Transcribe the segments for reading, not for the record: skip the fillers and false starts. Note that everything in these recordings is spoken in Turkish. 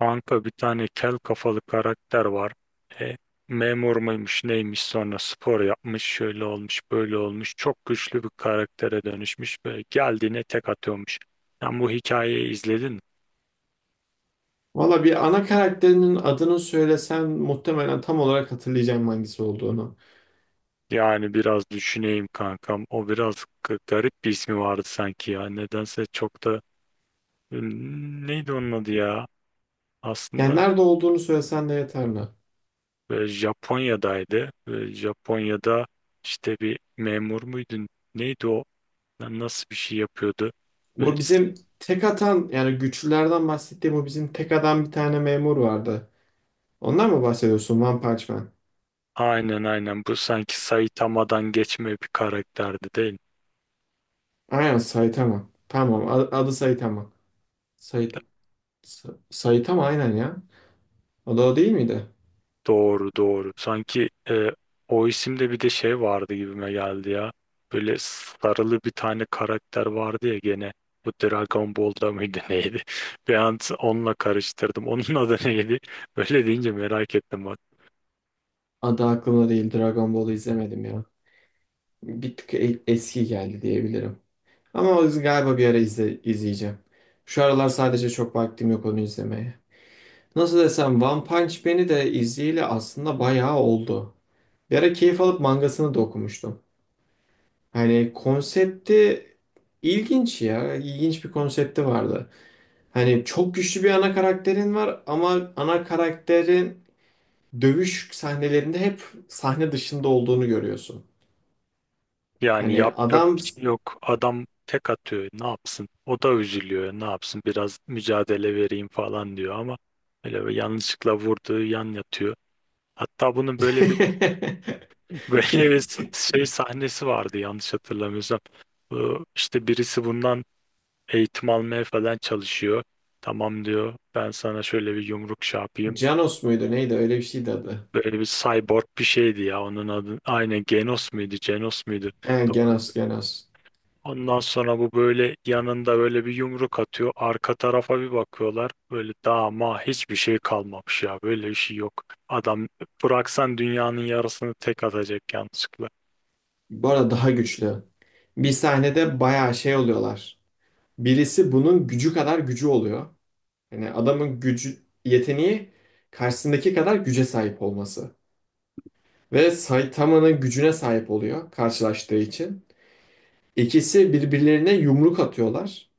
Kanka bir tane kel kafalı karakter var. E, Memur muymuş neymiş, sonra spor yapmış, şöyle olmuş böyle olmuş. Çok güçlü bir karaktere dönüşmüş ve geldiğine tek atıyormuş. Sen bu hikayeyi izledin mi? Valla bir ana karakterinin adını söylesen muhtemelen tam olarak hatırlayacağım hangisi olduğunu. Yani biraz düşüneyim kankam. O biraz garip bir ismi vardı sanki ya. Nedense çok da hmm, neydi onun adı ya? Yani Aslında nerede olduğunu söylesen de yeterli. Japonya'daydı. Japonya'da işte bir memur muydun? Neydi o? Lan nasıl bir şey yapıyordu? Böyle, Bu bizim tek atan yani güçlülerden bahsettiğim bu bizim tek atan bir tane memur vardı. Ondan mı bahsediyorsun One Punch Man? aynen bu sanki Saitama'dan geçme bir karakterdi değil mi? Aynen Saitama. Tamam adı Saitama. Say Saitama aynen ya. O da o değil miydi? Doğru doğru. Sanki o isimde bir de şey vardı gibime geldi ya. Böyle sarılı bir tane karakter vardı ya gene. Bu Dragon Ball'da mıydı neydi? Bir an onunla karıştırdım. Onun adı neydi? Böyle deyince merak ettim. Adı aklımda değil. Dragon Ball'u izlemedim ya. Bir tık eski geldi diyebilirim. Ama o yüzden galiba bir ara izleyeceğim. Şu aralar sadece çok vaktim yok onu izlemeye. Nasıl desem One Punch Man'i de izleyeli aslında bayağı oldu. Bir ara keyif alıp mangasını da okumuştum. Hani konsepti ilginç ya. İlginç bir konsepti vardı. Hani çok güçlü bir ana karakterin var ama ana karakterin dövüş sahnelerinde hep sahne dışında olduğunu görüyorsun. Yani Yani yapacak bir adam şey yok. Adam tek atıyor. Ne yapsın? O da üzülüyor. Ne yapsın? Biraz mücadele vereyim falan diyor ama öyle bir yanlışlıkla vurduğu yan yatıyor. Hatta bunun böyle bir böyle bir şey sahnesi vardı yanlış hatırlamıyorsam. Bu, işte birisi bundan eğitim almaya falan çalışıyor. Tamam diyor. Ben sana şöyle bir yumruk şey yapayım. Janos muydu neydi öyle bir şeydi adı. Böyle bir cyborg bir şeydi ya onun adı. Aynen, Genos muydu? Genos muydu? He, Doğru. Genos. Ondan sonra bu böyle yanında böyle bir yumruk atıyor. Arka tarafa bir bakıyorlar. Böyle dama hiçbir şey kalmamış ya. Böyle bir şey yok. Adam bıraksan dünyanın yarısını tek atacak yanlışlıkla. Bu arada daha güçlü. Bir sahnede bayağı şey oluyorlar. Birisi bunun gücü kadar gücü oluyor. Yani adamın gücü, yeteneği karşısındaki kadar güce sahip olması. Ve Saitama'nın gücüne sahip oluyor karşılaştığı için. İkisi birbirlerine yumruk atıyorlar.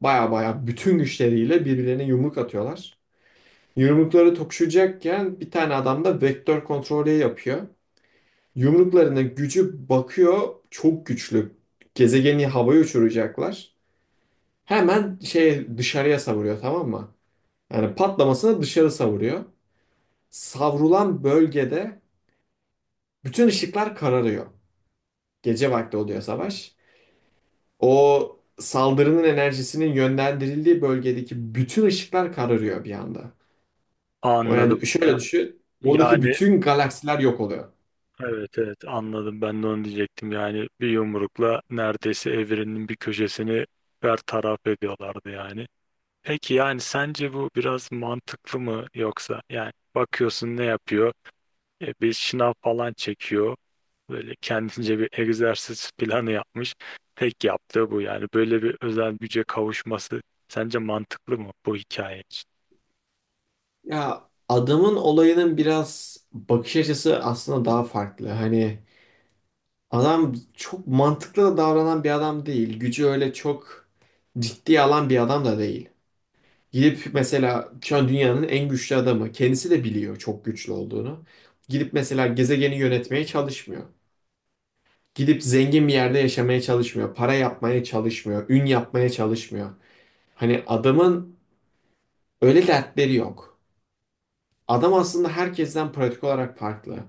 Baya baya bütün güçleriyle birbirlerine yumruk atıyorlar. Yumrukları tokuşacakken bir tane adam da vektör kontrolü yapıyor. Yumruklarının gücü bakıyor çok güçlü. Gezegeni havaya uçuracaklar. Hemen şey dışarıya savuruyor, tamam mı? Yani patlamasına dışarı savuruyor. Savrulan bölgede bütün ışıklar kararıyor. Gece vakti oluyor savaş. O saldırının enerjisinin yönlendirildiği bölgedeki bütün ışıklar kararıyor bir anda. O Anladım. yani şöyle düşün. Oradaki Yani, bütün galaksiler yok oluyor. evet evet anladım. Ben de onu diyecektim. Yani bir yumrukla neredeyse evrenin bir köşesini bertaraf ediyorlardı yani. Peki yani sence bu biraz mantıklı mı, yoksa yani bakıyorsun ne yapıyor? Bir şınav falan çekiyor. Böyle kendince bir egzersiz planı yapmış. Tek yaptığı bu yani. Böyle bir özel güce kavuşması sence mantıklı mı bu hikaye için? Ya adamın olayının biraz bakış açısı aslında daha farklı. Hani adam çok mantıklı da davranan bir adam değil. Gücü öyle çok ciddiye alan bir adam da değil. Gidip mesela şu an dünyanın en güçlü adamı. Kendisi de biliyor çok güçlü olduğunu. Gidip mesela gezegeni yönetmeye çalışmıyor. Gidip zengin bir yerde yaşamaya çalışmıyor. Para yapmaya çalışmıyor. Ün yapmaya çalışmıyor. Hani adamın öyle dertleri yok. Adam aslında herkesten pratik olarak farklı.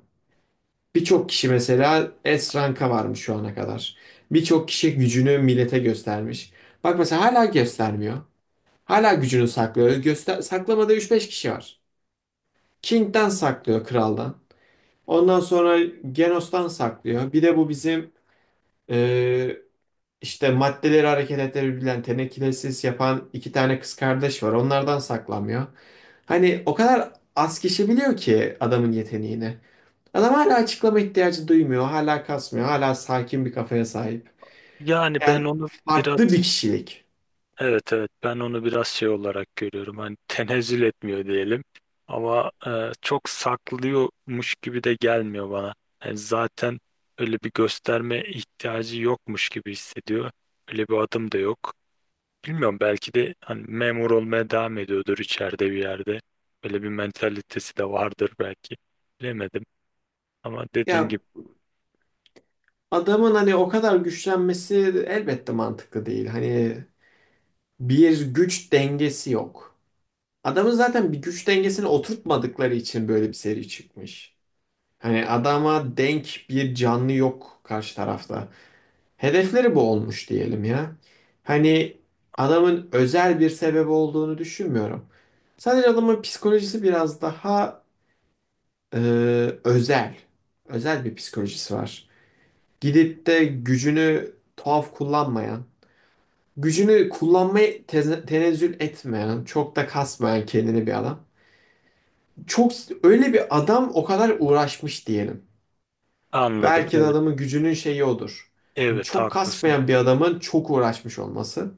Birçok kişi mesela S ranka varmış şu ana kadar. Birçok kişi gücünü millete göstermiş. Bak mesela hala göstermiyor. Hala gücünü saklıyor. Göster saklamadığı üç beş kişi var. King'den saklıyor, kraldan. Ondan sonra Genos'tan saklıyor. Bir de bu bizim e, işte maddeleri hareket ettirebilen tenekilesiz yapan iki tane kız kardeş var. Onlardan saklamıyor. Hani o kadar az kişi biliyor ki adamın yeteneğini. Adam hala açıklama ihtiyacı duymuyor. Hala kasmıyor. Hala sakin bir kafaya sahip. Yani Yani ben onu farklı bir biraz, kişilik. evet evet ben onu biraz şey olarak görüyorum. Hani tenezzül etmiyor diyelim. Ama çok saklıyormuş gibi de gelmiyor bana. Yani zaten öyle bir gösterme ihtiyacı yokmuş gibi hissediyor. Öyle bir adım da yok. Bilmiyorum, belki de hani memur olmaya devam ediyordur içeride bir yerde. Böyle bir mentalitesi de vardır belki. Bilemedim ama dediğin Ya gibi adamın hani o kadar güçlenmesi elbette mantıklı değil. Hani bir güç dengesi yok. Adamın zaten bir güç dengesini oturtmadıkları için böyle bir seri çıkmış. Hani adama denk bir canlı yok karşı tarafta. Hedefleri bu olmuş diyelim ya. Hani adamın özel bir sebebi olduğunu düşünmüyorum. Sadece adamın psikolojisi biraz daha e, özel. Özel bir psikolojisi var. Gidip de gücünü tuhaf kullanmayan, gücünü kullanmaya tenezzül etmeyen, çok da kasmayan kendini bir adam. Çok öyle bir adam o kadar uğraşmış diyelim. anladım. Belki de Evet, adamın gücünün şeyi odur. Hani evet çok haklısın. kasmayan bir adamın çok uğraşmış olması.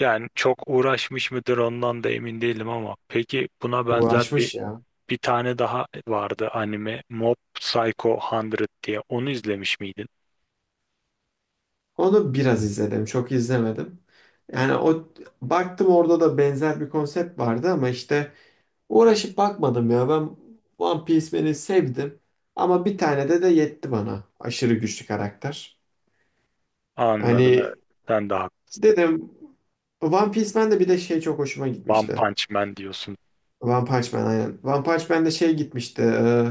Yani çok uğraşmış mıdır ondan da emin değilim ama peki buna benzer bir Uğraşmış ya. bir tane daha vardı anime, Mob Psycho 100 diye. Onu izlemiş miydin? Onu biraz izledim, çok izlemedim. Yani o baktım orada da benzer bir konsept vardı ama işte uğraşıp bakmadım ya. Ben One Piece Man'i sevdim ama bir tane de yetti bana. Aşırı güçlü karakter. Anladım evet. Hani Sen de haklısın. dedim One Piece Man'de bir de şey çok hoşuma One gitmişti. Punch Man diyorsun. One Punch Man aynen. One Punch Man'de şey gitmişti.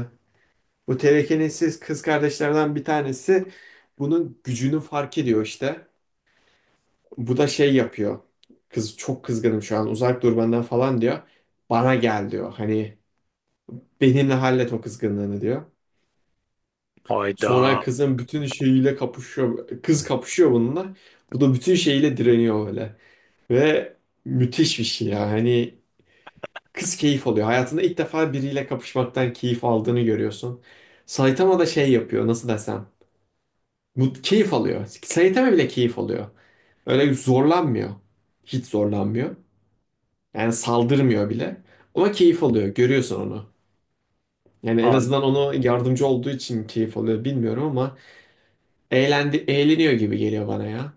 Bu telekinesiz kız kardeşlerden bir tanesi bunun gücünü fark ediyor işte. Bu da şey yapıyor. Kız çok kızgınım şu an uzak dur benden falan diyor. Bana gel diyor. Hani benimle hallet o kızgınlığını diyor. Sonra Hayda. kızın bütün şeyiyle kapışıyor. Kız kapışıyor bununla. Bu da bütün şeyiyle direniyor öyle. Ve müthiş bir şey ya. Hani kız keyif alıyor. Hayatında ilk defa biriyle kapışmaktan keyif aldığını görüyorsun. Saitama da şey yapıyor, nasıl desem. Bu keyif alıyor. Saitama bile keyif alıyor. Öyle zorlanmıyor. Hiç zorlanmıyor. Yani saldırmıyor bile. Ama keyif alıyor. Görüyorsun onu. Yani en azından onu yardımcı olduğu için keyif alıyor bilmiyorum ama eğlendi, eğleniyor gibi geliyor bana ya.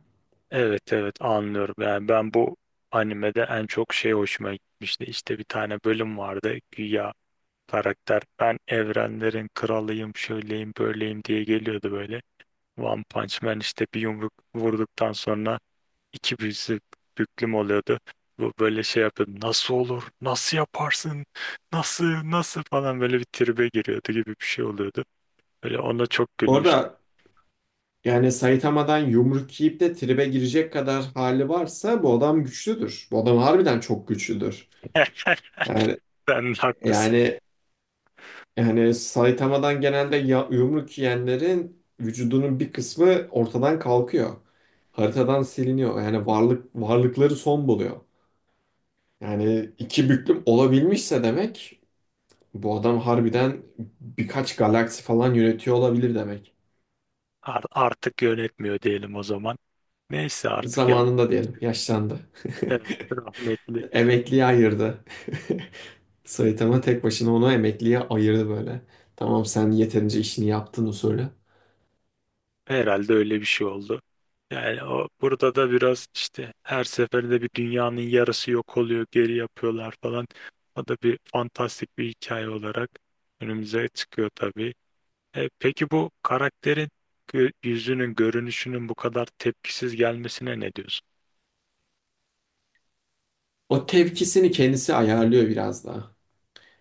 Evet evet anlıyorum. Yani ben bu animede en çok şey hoşuma gitmişti. İşte bir tane bölüm vardı. Güya karakter ben evrenlerin kralıyım, şöyleyim, böyleyim diye geliyordu böyle. One Punch Man işte bir yumruk vurduktan sonra iki büyüsü büklüm oluyordu. Bu böyle şey yapıyordu. Nasıl olur? Nasıl yaparsın? Nasıl? Nasıl falan böyle bir tribe giriyordu gibi bir şey oluyordu. Böyle ona çok gülmüştüm. Orada yani Saitama'dan yumruk yiyip de tribe girecek kadar hali varsa bu adam güçlüdür. Bu adam harbiden çok güçlüdür. Yani Sen haklısın. yani yani Saitama'dan genelde yumruk yiyenlerin vücudunun bir kısmı ortadan kalkıyor. Haritadan siliniyor. Yani varlıkları son buluyor. Yani iki büklüm olabilmişse demek bu adam harbiden birkaç galaksi falan yönetiyor olabilir demek. Artık yönetmiyor diyelim o zaman. Neyse artık yap. Zamanında diyelim yaşlandı. Evet, rahmetli. Emekliye ayırdı. Saitama tek başına onu emekliye ayırdı böyle. Tamam sen yeterince işini yaptın usulü. Herhalde öyle bir şey oldu. Yani o, burada da biraz işte her seferinde bir dünyanın yarısı yok oluyor, geri yapıyorlar falan. O da bir fantastik bir hikaye olarak önümüze çıkıyor tabii. Peki bu karakterin yüzünün, görünüşünün bu kadar tepkisiz gelmesine ne diyorsun? O tepkisini kendisi ayarlıyor biraz daha.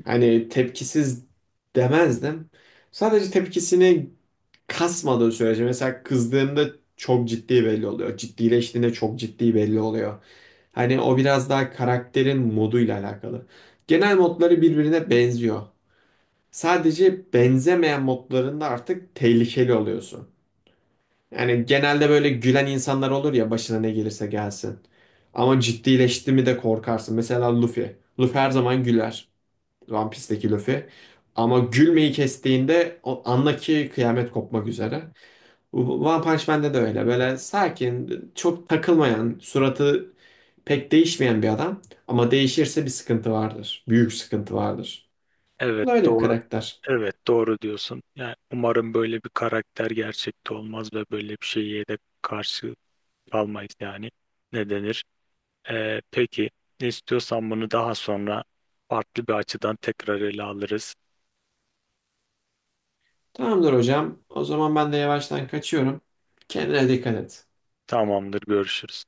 Hani tepkisiz demezdim. Sadece tepkisini kasmadığı sürece mesela kızdığında çok ciddi belli oluyor. Ciddileştiğinde çok ciddi belli oluyor. Hani o biraz daha karakterin moduyla alakalı. Genel modları birbirine benziyor. Sadece benzemeyen modlarında artık tehlikeli oluyorsun. Yani genelde böyle gülen insanlar olur ya başına ne gelirse gelsin. Ama ciddileşti mi de korkarsın. Mesela Luffy. Luffy her zaman güler. One Piece'teki Luffy. Ama gülmeyi kestiğinde o anla ki kıyamet kopmak üzere. One Punch Man'de de öyle. Böyle sakin, çok takılmayan, suratı pek değişmeyen bir adam. Ama değişirse bir sıkıntı vardır. Büyük sıkıntı vardır. Bu Evet, da öyle bir doğru. karakter. Evet doğru diyorsun. Yani umarım böyle bir karakter gerçekte olmaz ve böyle bir şeye de karşı kalmayız yani. Ne denir? Peki ne istiyorsan bunu daha sonra farklı bir açıdan tekrar ele alırız. Tamamdır hocam. O zaman ben de yavaştan kaçıyorum. Kendine dikkat et. Tamamdır görüşürüz.